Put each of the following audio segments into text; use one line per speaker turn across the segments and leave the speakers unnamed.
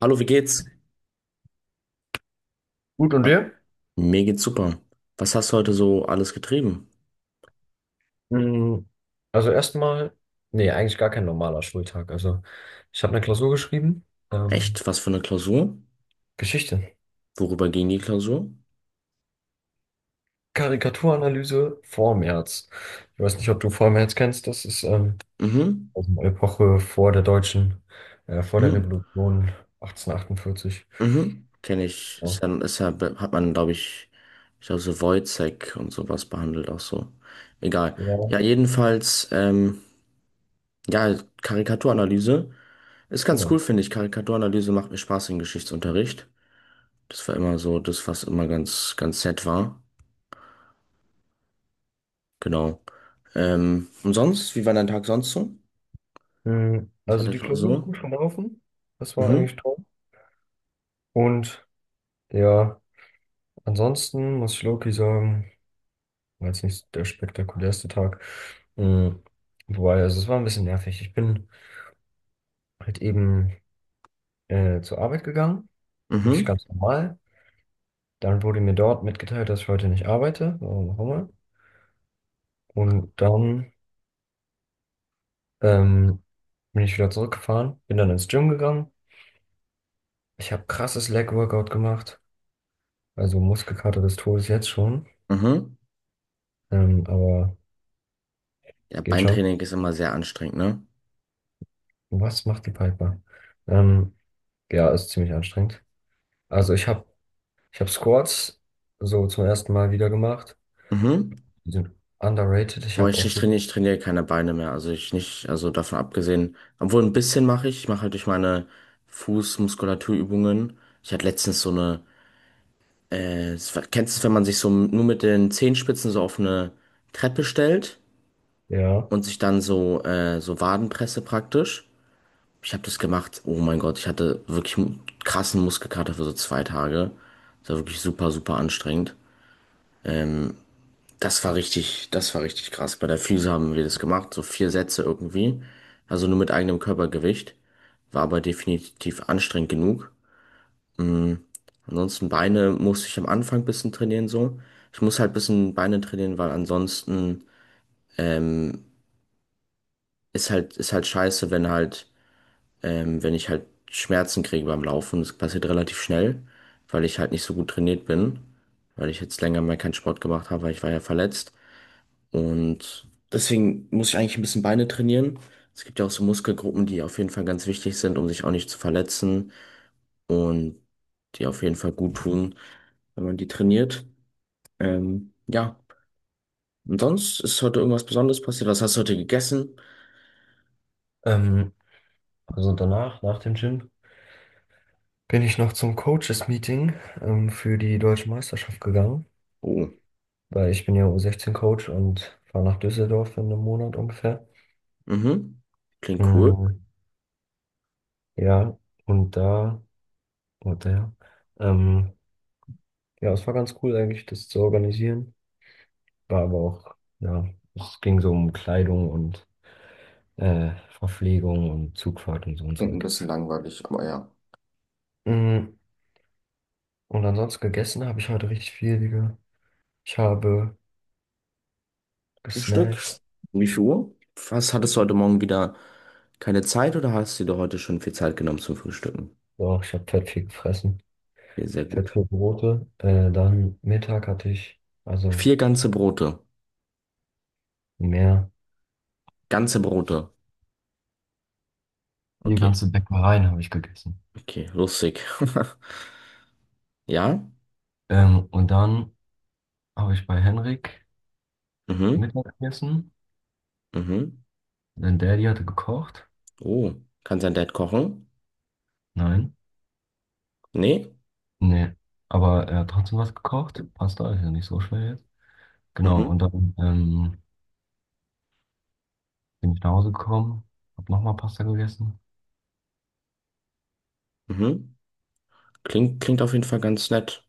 Hallo, wie geht's?
Gut, und
Ah,
dir?
mir geht's super. Was hast du heute so alles getrieben?
Mm, erstmal, nee, eigentlich gar kein normaler Schultag. Also ich habe eine Klausur geschrieben, ähm,
Echt? Was für eine Klausur?
Geschichte,
Worüber ging die Klausur?
Karikaturanalyse Vormärz. Ich weiß nicht, ob du Vormärz kennst. Das ist
Mhm,
aus einer Epoche vor der deutschen, vor der
mhm,
Revolution 1848.
mhm. Kenne ich.
Ja,
Ist ja, hat man, ich glaube, so Wojcik und sowas behandelt auch so. Egal.
ja,
Ja, jedenfalls, ja, Karikaturanalyse ist ganz
genau.
cool, finde ich. Karikaturanalyse macht mir Spaß im Geschichtsunterricht. Das war immer so das, was immer ganz, ganz nett war. Genau. Und sonst, wie war dein Tag sonst so?
Mm,
Das war
Also
der
die Klausur ist
Klausur.
gut gelaufen. Das war eigentlich
Mhm.
toll. Und ja, ansonsten muss ich Loki sagen. War jetzt nicht der spektakulärste Tag. Mhm. Wobei, also es war ein bisschen nervig. Ich bin halt eben zur Arbeit gegangen, eigentlich
Mhm.
ganz normal. Dann wurde mir dort mitgeteilt, dass ich heute nicht arbeite, warum auch immer. Und dann ähm, bin ich wieder zurückgefahren, bin dann ins Gym gegangen. Ich habe krasses Leg-Workout gemacht, also Muskelkater des Todes jetzt schon,
Mhm.
aber
Ja,
geht schon.
Beintraining ist immer sehr anstrengend, ne?
Was macht die Piper? Ähm, ja, ist ziemlich anstrengend. Also Ich habe Squats so zum ersten Mal wieder gemacht.
Mhm.
Die sind underrated. Ich
Boah,
habe
ich, ich
auch, wirklich-
trainiere, ich trainiere keine Beine mehr. Also ich nicht, also davon abgesehen. Obwohl ein bisschen mache ich. Ich mache halt durch meine Fußmuskulaturübungen. Ich hatte letztens so eine, es kennst du es, wenn man sich so nur mit den Zehenspitzen so auf eine Treppe stellt
ja.
und sich dann so, so Wadenpresse praktisch? Ich habe das gemacht. Oh mein Gott, ich hatte wirklich krassen Muskelkater für so zwei Tage. Das war wirklich super, super anstrengend. Das war richtig krass. Bei der Füße haben wir das gemacht, so vier Sätze irgendwie. Also nur mit eigenem Körpergewicht. War aber definitiv anstrengend genug. Ansonsten Beine musste ich am Anfang ein bisschen trainieren so. Ich muss halt ein bisschen Beine trainieren, weil ansonsten ist halt scheiße, wenn halt wenn ich halt Schmerzen kriege beim Laufen. Das passiert relativ schnell, weil ich halt nicht so gut trainiert bin, weil ich jetzt länger mal keinen Sport gemacht habe, weil ich war ja verletzt. Und deswegen muss ich eigentlich ein bisschen Beine trainieren. Es gibt ja auch so Muskelgruppen, die auf jeden Fall ganz wichtig sind, um sich auch nicht zu verletzen und die auf jeden Fall gut tun, wenn man die trainiert. Ähm, ja. Und sonst ist heute irgendwas Besonderes passiert? Was hast du heute gegessen?
Ähm, also danach, nach dem Gym, bin ich noch zum Coaches-Meeting für die deutsche Meisterschaft gegangen,
Oh,
weil ich bin ja U16-Coach und fahre nach Düsseldorf in einem Monat ungefähr.
mhm. Klingt cool.
Mhm. Ja, und und der, ähm, ja, es war ganz cool eigentlich, das zu organisieren. War aber auch, ja, es ging so um Kleidung und äh, Verpflegung und Zugfahrt und so ein
Klingt ein
Zeug.
bisschen langweilig, aber ja.
Mm, Und ansonsten gegessen habe ich heute richtig viel, Digga. Ich habe
Frühstück?
gesnackt.
Wie viel Uhr? Was hattest du heute Morgen wieder keine Zeit oder hast du dir heute schon viel Zeit genommen zum Frühstücken?
Doch, ich habe fett viel gefressen.
Okay, sehr
Fett
gut.
viel Brote. Dann Mittag hatte ich, also
Vier ganze Brote.
mehr.
Ganze Brote.
Die
Okay,
ganze Bäckereien habe ich gegessen.
okay, lustig. Ja?
Und dann habe ich bei Henrik
Mhm,
Mittag gegessen.
mhm.
Sein Daddy hatte gekocht.
Oh, kann sein Dad kochen?
Nein,
Nee?
nee. Aber er hat trotzdem was gekocht. Pasta ist ja nicht so schwer jetzt. Genau,
Mhm,
und dann bin ich nach Hause gekommen, habe nochmal Pasta gegessen.
mhm. Klingt auf jeden Fall ganz nett.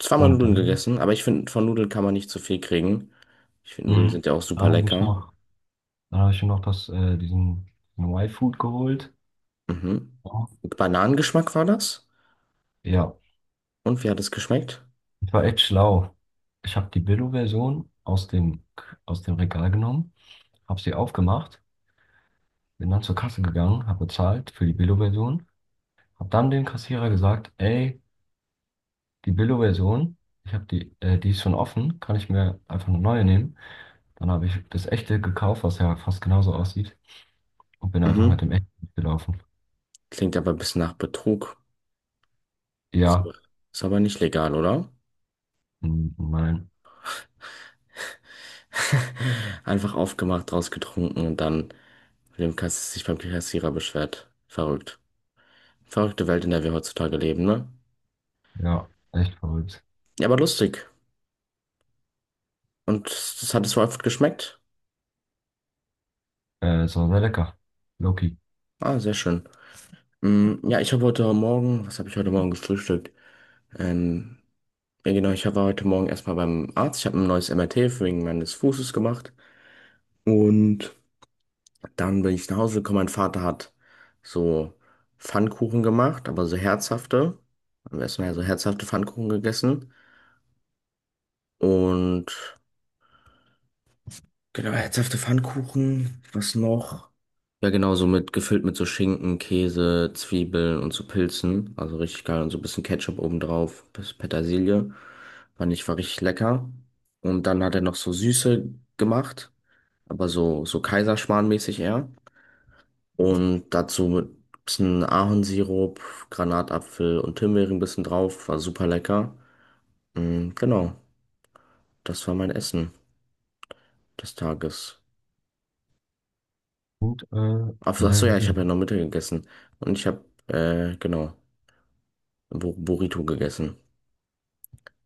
Zweimal
Und
Nudeln
dann
gegessen, aber ich finde, von Nudeln kann man nicht zu viel kriegen. Ich finde, Nudeln
Mhm.
sind ja auch super
Dann habe ich
lecker.
noch, dann habe ich mir noch diesen Y-Food geholt.
Mhm.
Ja.
Bananengeschmack war das?
Ja,
Und wie hat es geschmeckt?
ich war echt schlau. Ich habe die Billo-Version aus dem Regal genommen, habe sie aufgemacht, bin dann zur Kasse gegangen, habe bezahlt für die Billo-Version, habe dann dem Kassierer gesagt, ey, die Billo-Version, ich habe die ist schon offen, kann ich mir einfach eine neue nehmen. Dann habe ich das echte gekauft, was ja fast genauso aussieht, und bin einfach
Mhm.
mit dem echten gelaufen.
Klingt aber ein bisschen nach Betrug. Ist
Ja,
aber ist aber nicht legal, oder?
m- nein.
Einfach aufgemacht, rausgetrunken und dann mit dem Kass sich beim Kassierer beschwert. Verrückt. Verrückte Welt, in der wir heutzutage leben, ne?
Ja, echt verrückt.
Ja, aber lustig. Und das hat es wohl gut geschmeckt.
Es war sehr lecker. Loki.
Ah, sehr schön. Mm, ja, ich habe heute Morgen, was habe ich heute Morgen gefrühstückt? Ähm, ja, genau, ich war heute Morgen erstmal beim Arzt. Ich habe ein neues MRT wegen meines Fußes gemacht. Und dann bin ich nach Hause gekommen. Mein Vater hat so Pfannkuchen gemacht, aber so herzhafte. Am ersten Mal so herzhafte Pfannkuchen gegessen. Und genau, herzhafte Pfannkuchen. Was noch? Ja, genau, so mit gefüllt mit so Schinken, Käse, Zwiebeln und so Pilzen. Also richtig geil. Und so ein bisschen Ketchup obendrauf, bisschen Petersilie. Fand ich, war richtig lecker. Und dann hat er noch so Süße gemacht, aber so, so Kaiserschmarrnmäßig eher. Und dazu mit ein bisschen Ahornsirup, Granatapfel und Himbeeren ein bisschen drauf. War super lecker. Mm, genau, das war mein Essen des Tages.
Und
Ach
sehr
so, ja,
gut.
ich habe ja noch Mittag gegessen. Und ich habe, genau, ein Burrito gegessen.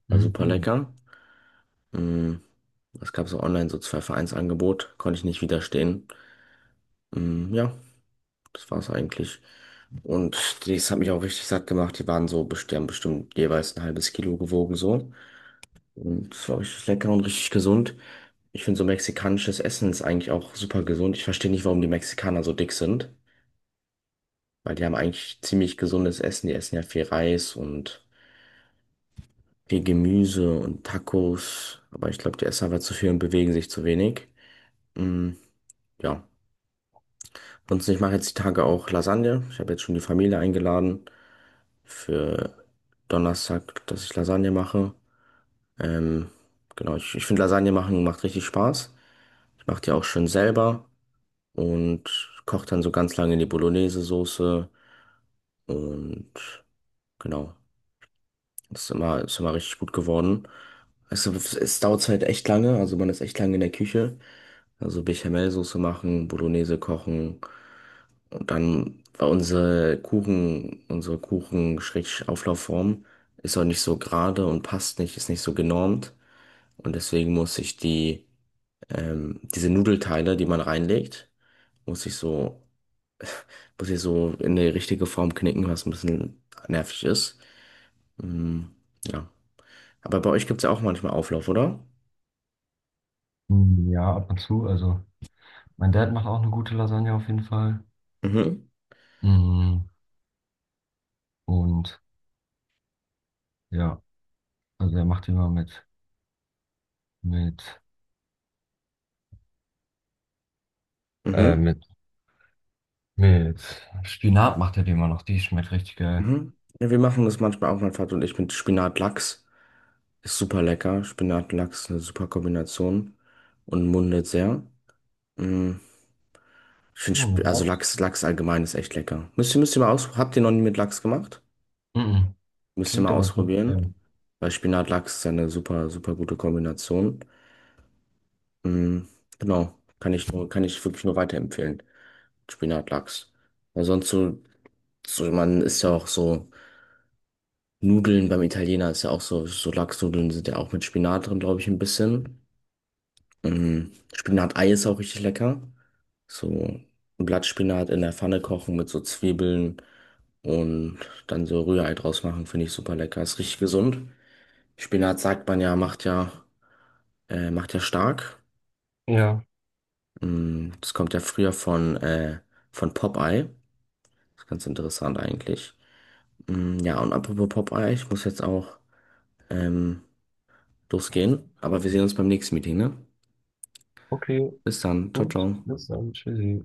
War super
Mhm.
lecker. Mm, es gab so online so zwei Vereinsangebot, konnte ich nicht widerstehen. Mm, ja, das war's eigentlich. Und das hat mich auch richtig satt gemacht. Die waren so, die haben bestimmt jeweils ein halbes Kilo gewogen so. Und es war richtig lecker und richtig gesund. Ich finde, so mexikanisches Essen ist eigentlich auch super gesund. Ich verstehe nicht, warum die Mexikaner so dick sind, weil die haben eigentlich ziemlich gesundes Essen. Die essen ja viel Reis und viel Gemüse und Tacos. Aber ich glaube, die essen einfach zu viel und bewegen sich zu wenig. Mm, ja. Sonst ich mache jetzt die Tage auch Lasagne. Ich habe jetzt schon die Familie eingeladen für Donnerstag, dass ich Lasagne mache. Ähm, genau, ich finde Lasagne machen macht richtig Spaß. Ich mache die auch schön selber und kocht dann so ganz lange in die Bolognese-Soße und genau, das ist immer richtig gut geworden. Also, es dauert halt echt lange, also man ist echt lange in der Küche. Also Bechamelsoße machen, Bolognese kochen und dann war unsere Kuchen-Auflaufform ist auch nicht so gerade und passt nicht, ist nicht so genormt und deswegen muss ich die diese Nudelteile, die man reinlegt, muss ich so muss sie so in die richtige Form knicken, was ein bisschen nervig ist. Mhm. Ja. Aber bei euch gibt es ja auch manchmal Auflauf, oder?
Ja, ab und zu. Also, mein Dad macht auch eine gute Lasagne auf jeden Fall.
Mhm.
Mhm. Und ja, also er macht die immer mit, äh,
Mhm.
mit, mit Spinat macht er die immer noch. Die schmeckt richtig geil.
Mhm. Ja, wir machen das manchmal auch, mein Vater und ich, mit Spinatlachs. Ist super lecker. Spinatlachs ist eine super Kombination und mundet sehr. Mhm. Ich finde,
Ja, mit
Also
Lachs.
Lachs, Lachs allgemein ist echt lecker. Müsst ihr mal aus, habt ihr noch nie mit Lachs gemacht?
Mhm.
Müsst ihr
Klingt
mal
aber ziemlich
ausprobieren.
geil.
Weil Spinatlachs ist ja eine super, super gute Kombination. Mm, genau, kann ich wirklich nur weiterempfehlen. Spinatlachs. Weil sonst so, so, man ist ja auch so, Nudeln beim Italiener ist ja auch so, so Lachsnudeln sind ja auch mit Spinat drin, glaube ich, ein bisschen. Mm, Spinatei ist auch richtig lecker. So ein Blattspinat in der Pfanne kochen mit so Zwiebeln und dann so Rührei draus machen, finde ich super lecker. Ist richtig gesund. Spinat sagt man ja, macht ja, macht ja stark.
Ja,
Mm, das kommt ja früher von Popeye. Das ist ganz interessant eigentlich. Mm, ja, und apropos Popeye, ich muss jetzt auch ähm, losgehen. Aber wir sehen uns beim nächsten Meeting, ne?
okay,
Bis dann. Ciao,
gut.
ciao.
Bis dann. Tschüssi.